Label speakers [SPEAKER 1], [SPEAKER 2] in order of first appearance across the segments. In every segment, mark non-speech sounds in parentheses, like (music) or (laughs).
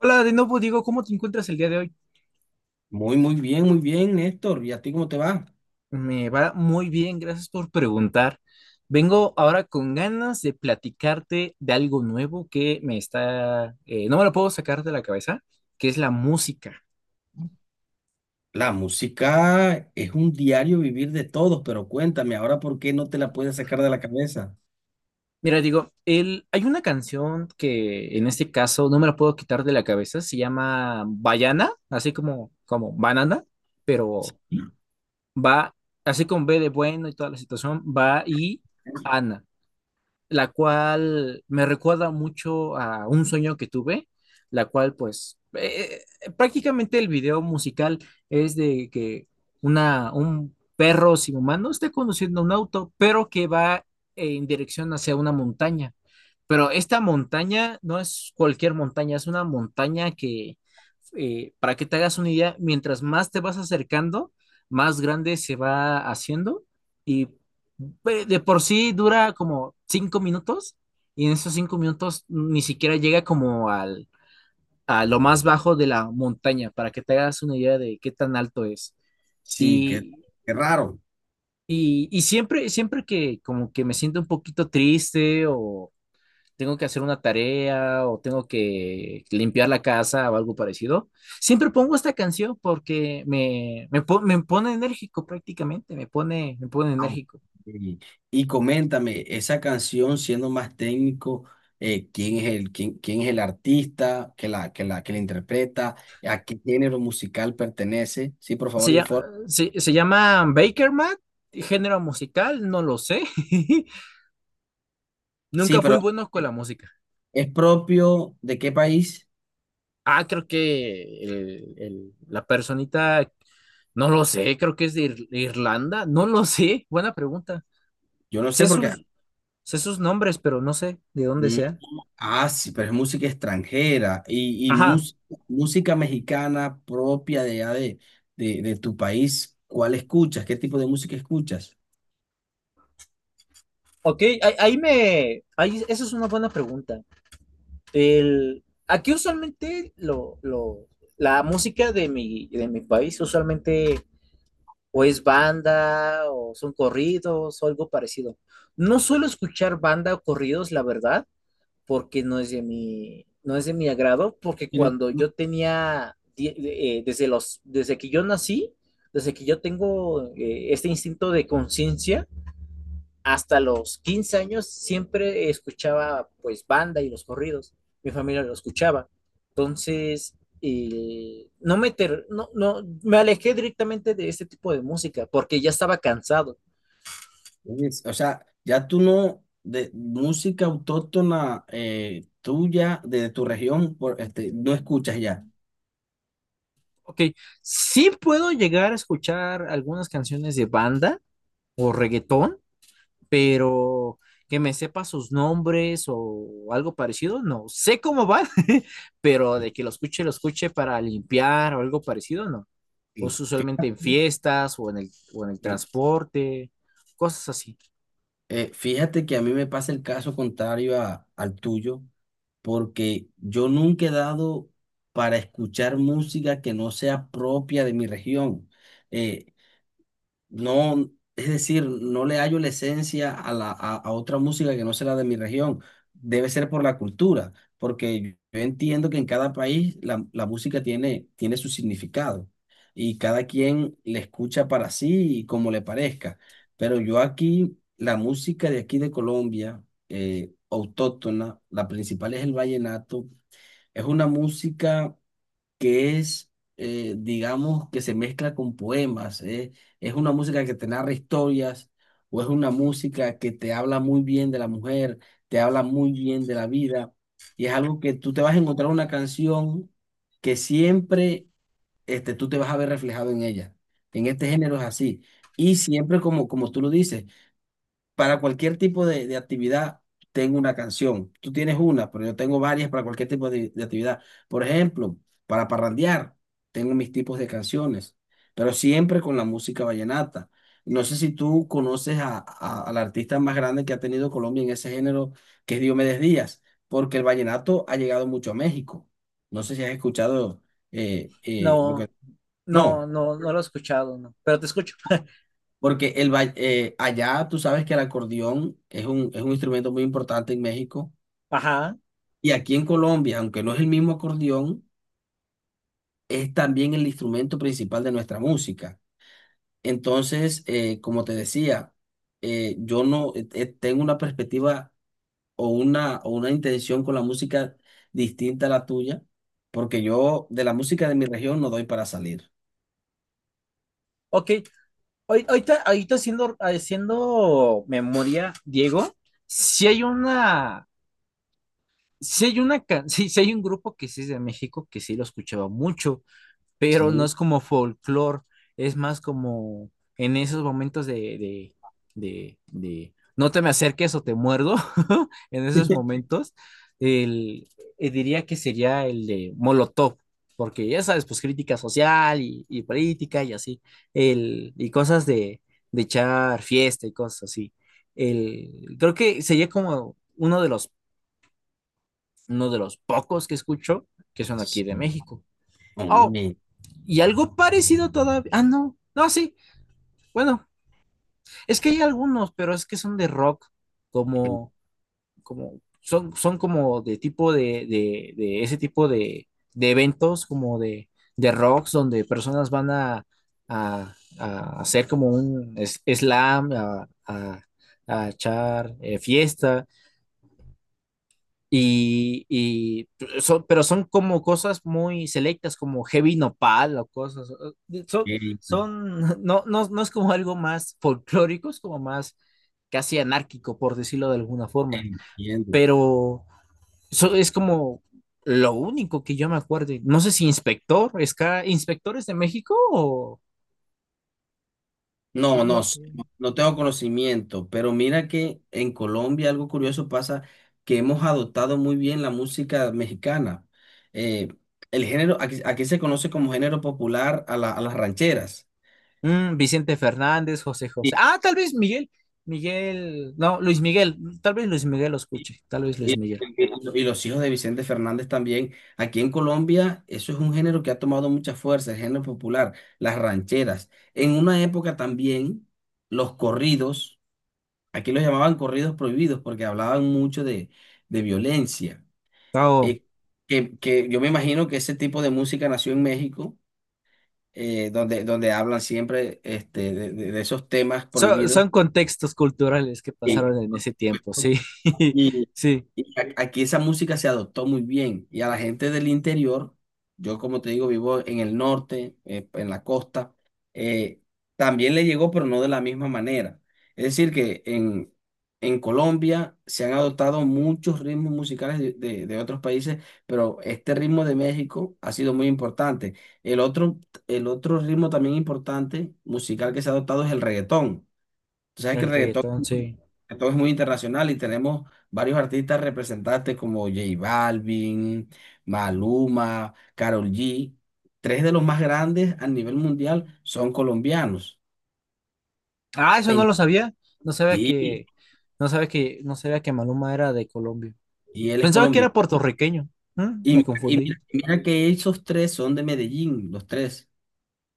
[SPEAKER 1] Hola, de nuevo Diego, ¿cómo te encuentras el día de hoy?
[SPEAKER 2] Muy, muy bien, Néstor. ¿Y a ti cómo te va?
[SPEAKER 1] Me va muy bien, gracias por preguntar. Vengo ahora con ganas de platicarte de algo nuevo que no me lo puedo sacar de la cabeza, que es la música.
[SPEAKER 2] La música es un diario vivir de todos, pero cuéntame, ahora por qué no te la puedes sacar de la cabeza.
[SPEAKER 1] Mira, Diego, hay una canción que en este caso no me la puedo quitar de la cabeza, se llama Bayana, así como banana, pero
[SPEAKER 2] Sí.
[SPEAKER 1] va, así con B de bueno y toda la situación, va y Ana, la cual me recuerda mucho a un sueño que tuve, la cual pues prácticamente el video musical es de que un perro sin humano esté conduciendo un auto, pero que va en dirección hacia una montaña. Pero esta montaña no es cualquier montaña, es una montaña que, para que te hagas una idea, mientras más te vas acercando, más grande se va haciendo y de por sí dura como 5 minutos, y en esos 5 minutos ni siquiera llega como a lo más bajo de la montaña, para que te hagas una idea de qué tan alto es.
[SPEAKER 2] Sí, qué,
[SPEAKER 1] Y,
[SPEAKER 2] qué raro.
[SPEAKER 1] y siempre que como que me siento un poquito triste, o tengo que hacer una tarea, o tengo que limpiar la casa o algo parecido, siempre pongo esta canción porque me pone enérgico prácticamente, me pone
[SPEAKER 2] Ah, ok.
[SPEAKER 1] enérgico.
[SPEAKER 2] Y, y coméntame, esa canción, siendo más técnico, ¿quién es quién es el artista que la interpreta? ¿A qué género musical pertenece? Sí, por
[SPEAKER 1] Se,
[SPEAKER 2] favor,
[SPEAKER 1] llama
[SPEAKER 2] informe.
[SPEAKER 1] se llama Baker Mat. Género musical, no lo sé. (laughs)
[SPEAKER 2] Sí,
[SPEAKER 1] Nunca fui
[SPEAKER 2] pero
[SPEAKER 1] bueno con la música.
[SPEAKER 2] ¿es propio de qué país?
[SPEAKER 1] Ah, creo que la personita, no lo sé, creo que es de Irlanda, no lo sé, buena pregunta.
[SPEAKER 2] Yo no sé
[SPEAKER 1] Sé
[SPEAKER 2] porque...
[SPEAKER 1] sus, sé sus nombres, pero no sé de dónde sea.
[SPEAKER 2] Ah, sí, pero es música extranjera y
[SPEAKER 1] Ajá.
[SPEAKER 2] música mexicana propia de, allá de, de tu país. ¿Cuál escuchas? ¿Qué tipo de música escuchas?
[SPEAKER 1] Ok, eso es una buena pregunta. Aquí usualmente la música de mi país usualmente o es banda o son corridos o algo parecido. No suelo escuchar banda o corridos, la verdad, porque no es de mi agrado, porque
[SPEAKER 2] Y no-
[SPEAKER 1] cuando
[SPEAKER 2] no-
[SPEAKER 1] yo tenía, die- desde desde que yo nací, desde que yo tengo este instinto de conciencia, hasta los 15 años siempre escuchaba pues banda y los corridos, mi familia lo escuchaba, entonces no, me ter no, no, me alejé directamente de este tipo de música porque ya estaba cansado.
[SPEAKER 2] O sea, ya tú no, de música autóctona tuya, de tu región, por, este, no escuchas ya.
[SPEAKER 1] Ok, sí puedo llegar a escuchar algunas canciones de banda o reggaetón, pero que me sepa sus nombres o algo parecido, no sé cómo van. (laughs) Pero de que lo escuche para limpiar o algo parecido, no. O
[SPEAKER 2] No.
[SPEAKER 1] es usualmente en
[SPEAKER 2] Fíjate.
[SPEAKER 1] fiestas o en o en el transporte, cosas así.
[SPEAKER 2] Fíjate que a mí me pasa el caso contrario al tuyo, porque yo nunca he dado para escuchar música que no sea propia de mi región. Eh, no, es decir, no le hallo la esencia a a otra música que no sea la de mi región. Debe ser por la cultura, porque yo entiendo que en cada país la música tiene su significado y cada quien le escucha para sí y como le parezca. Pero yo aquí, la música de aquí de Colombia, autóctona, la principal es el vallenato, es una música que es, digamos, que se mezcla con poemas. Es una música que te narra historias o es una música que te habla muy bien de la mujer, te habla muy bien de la vida. Y es algo que tú te vas a encontrar una canción que siempre tú te vas a ver reflejado en ella. En este género es así. Y siempre, como, como tú lo dices, para cualquier tipo de actividad tengo una canción. Tú tienes una, pero yo tengo varias para cualquier tipo de actividad. Por ejemplo, para parrandear, tengo mis tipos de canciones, pero siempre con la música vallenata. No sé si tú conoces a, al artista más grande que ha tenido Colombia en ese género, que es Diomedes Díaz, porque el vallenato ha llegado mucho a México. No sé si has escuchado lo
[SPEAKER 1] No,
[SPEAKER 2] que...
[SPEAKER 1] no,
[SPEAKER 2] No.
[SPEAKER 1] no, no lo he escuchado, no. Pero te escucho. (laughs)
[SPEAKER 2] Porque allá tú sabes que el acordeón es un instrumento muy importante en México
[SPEAKER 1] Ajá.
[SPEAKER 2] y aquí en Colombia, aunque no es el mismo acordeón, es también el instrumento principal de nuestra música. Entonces, como te decía, yo no tengo una perspectiva o una intención con la música distinta a la tuya, porque yo de la música de mi región no doy para salir.
[SPEAKER 1] Ok. Ahorita, haciendo memoria, Diego, si hay una, si hay una, ca- (laughs) Sí, sí, hay un grupo que sí es de México que sí lo escuchaba mucho, pero no
[SPEAKER 2] Sí.
[SPEAKER 1] es como folclore, es más como en esos momentos de, de, de, de, no te me acerques o te muerdo. (laughs) En esos
[SPEAKER 2] (laughs)
[SPEAKER 1] momentos, el, diría que sería el de Molotov, porque ya sabes, pues crítica social y política y así, y cosas de echar fiesta y cosas así. Creo que sería como uno de los pocos que escucho que son aquí
[SPEAKER 2] Sí.
[SPEAKER 1] de México. Oh,
[SPEAKER 2] Hombre,
[SPEAKER 1] y algo parecido todavía. Ah, no. No, sí. Bueno, es que hay algunos, pero es que son de rock, como, son como de tipo de ese tipo de eventos, como de rocks, donde personas van a, a hacer como un slam, a echar fiesta. Y pero son como cosas muy selectas, como Heavy Nopal o cosas. eh, Son,
[SPEAKER 2] ok,
[SPEAKER 1] (laughs) no, no, no es como algo más folclórico, es como más casi anárquico, por decirlo de alguna forma.
[SPEAKER 2] entiendo.
[SPEAKER 1] Pero es como lo único que yo me acuerdo. No sé si Inspector, Ska, Inspectores de México o no,
[SPEAKER 2] No, no,
[SPEAKER 1] no sé.
[SPEAKER 2] s- no tengo conocimiento, pero mira que en Colombia algo curioso pasa que hemos adoptado muy bien la música mexicana. Eh, el género, aquí, aquí se conoce como género popular a a las rancheras.
[SPEAKER 1] Mm, Vicente Fernández, José José.
[SPEAKER 2] Sí.
[SPEAKER 1] Ah, tal vez Miguel, Miguel, no, Luis Miguel, tal vez Luis Miguel lo
[SPEAKER 2] Y,
[SPEAKER 1] escuche, tal vez Luis Miguel.
[SPEAKER 2] y los hijos de Vicente Fernández también. Aquí en Colombia, eso es un género que ha tomado mucha fuerza, el género popular, las rancheras. En una época también, los corridos, aquí los llamaban corridos prohibidos porque hablaban mucho de violencia.
[SPEAKER 1] No,
[SPEAKER 2] eh, que yo me imagino que ese tipo de música nació en México, donde hablan siempre este, de, de esos temas
[SPEAKER 1] Son,
[SPEAKER 2] prohibidos.
[SPEAKER 1] son contextos culturales que
[SPEAKER 2] Sí.
[SPEAKER 1] pasaron en ese tiempo, sí. (laughs)
[SPEAKER 2] Y,
[SPEAKER 1] Sí,
[SPEAKER 2] Y aquí esa música se adoptó muy bien y a la gente del interior, yo como te digo, vivo en el norte, en la costa, eh, también le llegó, pero no de la misma manera. Es decir, que en Colombia se han adoptado muchos ritmos musicales de, de otros países, pero este ritmo de México ha sido muy importante. El otro, el otro ritmo también importante musical que se ha adoptado es el reggaetón. Tú sabes que el
[SPEAKER 1] el
[SPEAKER 2] reggaetón
[SPEAKER 1] reggaetón, sí.
[SPEAKER 2] que todo es muy internacional y tenemos varios artistas representantes como J Balvin, Maluma, Karol G. Tres de los más grandes a nivel mundial son colombianos.
[SPEAKER 1] Ah, eso no
[SPEAKER 2] En-
[SPEAKER 1] lo sabía. No sabía
[SPEAKER 2] sí,
[SPEAKER 1] que, Maluma era de Colombia.
[SPEAKER 2] y él es
[SPEAKER 1] Pensaba que
[SPEAKER 2] colombiano.
[SPEAKER 1] era puertorriqueño.
[SPEAKER 2] Y,
[SPEAKER 1] Me confundí.
[SPEAKER 2] y mira que esos tres son de Medellín, los tres.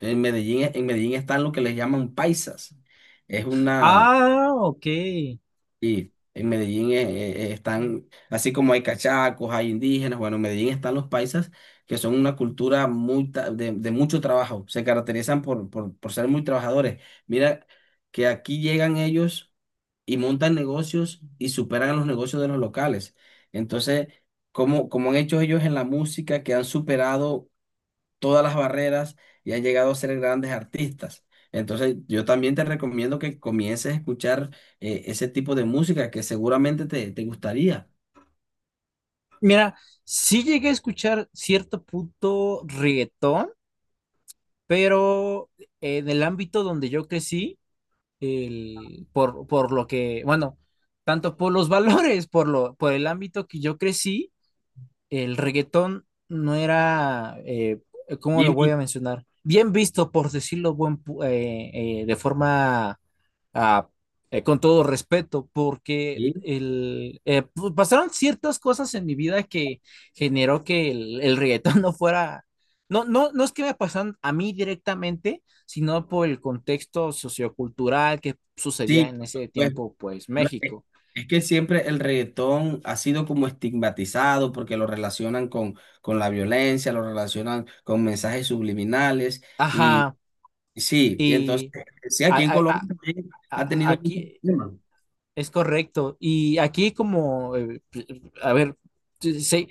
[SPEAKER 2] En Medellín están lo que les llaman paisas. Es una,
[SPEAKER 1] Ah, ok.
[SPEAKER 2] y en Medellín están, así como hay cachacos, hay indígenas, bueno, en Medellín están los paisas, que son una cultura de mucho trabajo, se caracterizan por ser muy trabajadores. Mira que aquí llegan ellos y montan negocios y superan los negocios de los locales. Entonces, como, como han hecho ellos en la música, que han superado todas las barreras y han llegado a ser grandes artistas. Entonces, yo también te recomiendo que comiences a escuchar ese tipo de música que seguramente te gustaría.
[SPEAKER 1] Mira, sí llegué a escuchar cierto punto reggaetón, pero en el ámbito donde yo crecí, por lo que, bueno, tanto por los (laughs) valores, por el ámbito que yo crecí, el reggaetón no era, ¿cómo lo
[SPEAKER 2] Bien,
[SPEAKER 1] voy
[SPEAKER 2] bien,
[SPEAKER 1] a mencionar? Bien visto, por decirlo de forma, ah, con todo respeto, porque
[SPEAKER 2] bien.
[SPEAKER 1] pues pasaron ciertas cosas en mi vida que generó que el reggaetón (laughs) no fuera. No, no, no es que me pasaran a mí directamente, sino por el contexto sociocultural que
[SPEAKER 2] Sí,
[SPEAKER 1] sucedía en ese
[SPEAKER 2] pues
[SPEAKER 1] tiempo, pues
[SPEAKER 2] no,
[SPEAKER 1] México.
[SPEAKER 2] es que siempre el reggaetón ha sido como estigmatizado porque lo relacionan con la violencia, lo relacionan con mensajes subliminales y
[SPEAKER 1] Ajá,
[SPEAKER 2] y sí, y entonces,
[SPEAKER 1] y
[SPEAKER 2] sí,
[SPEAKER 1] a-
[SPEAKER 2] aquí en
[SPEAKER 1] a- a-
[SPEAKER 2] Colombia también ha tenido mucho
[SPEAKER 1] aquí
[SPEAKER 2] problema.
[SPEAKER 1] es correcto. Y aquí como, a ver, sí,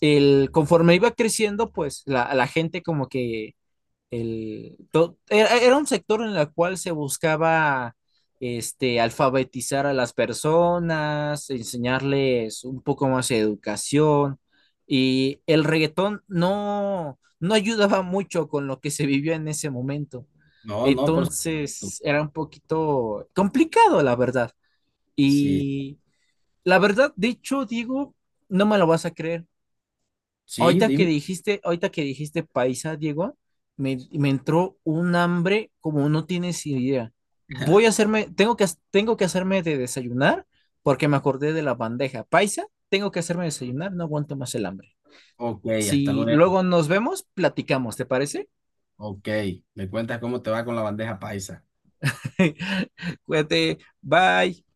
[SPEAKER 1] conforme iba creciendo, pues la gente como que era un sector en el cual se buscaba, este, alfabetizar a las personas, enseñarles un poco más de educación. Y el reggaetón no ayudaba mucho con lo que se vivió en ese momento.
[SPEAKER 2] No, no, por supuesto.
[SPEAKER 1] Entonces era un poquito complicado, la verdad.
[SPEAKER 2] Sí,
[SPEAKER 1] Y la verdad, dicho, Diego, no me lo vas a creer.
[SPEAKER 2] sí,
[SPEAKER 1] Ahorita que
[SPEAKER 2] dime.
[SPEAKER 1] dijiste, ahorita que dijiste paisa, Diego, me entró un hambre como no tienes idea.
[SPEAKER 2] (laughs)
[SPEAKER 1] Tengo que hacerme de desayunar porque me acordé de la bandeja paisa. Tengo que hacerme desayunar, no aguanto más el hambre.
[SPEAKER 2] Ok, hasta
[SPEAKER 1] Si
[SPEAKER 2] luego.
[SPEAKER 1] luego nos vemos, platicamos, ¿te parece?
[SPEAKER 2] Ok, me cuentas cómo te va con la bandeja paisa.
[SPEAKER 1] (laughs) Cuídate, bye.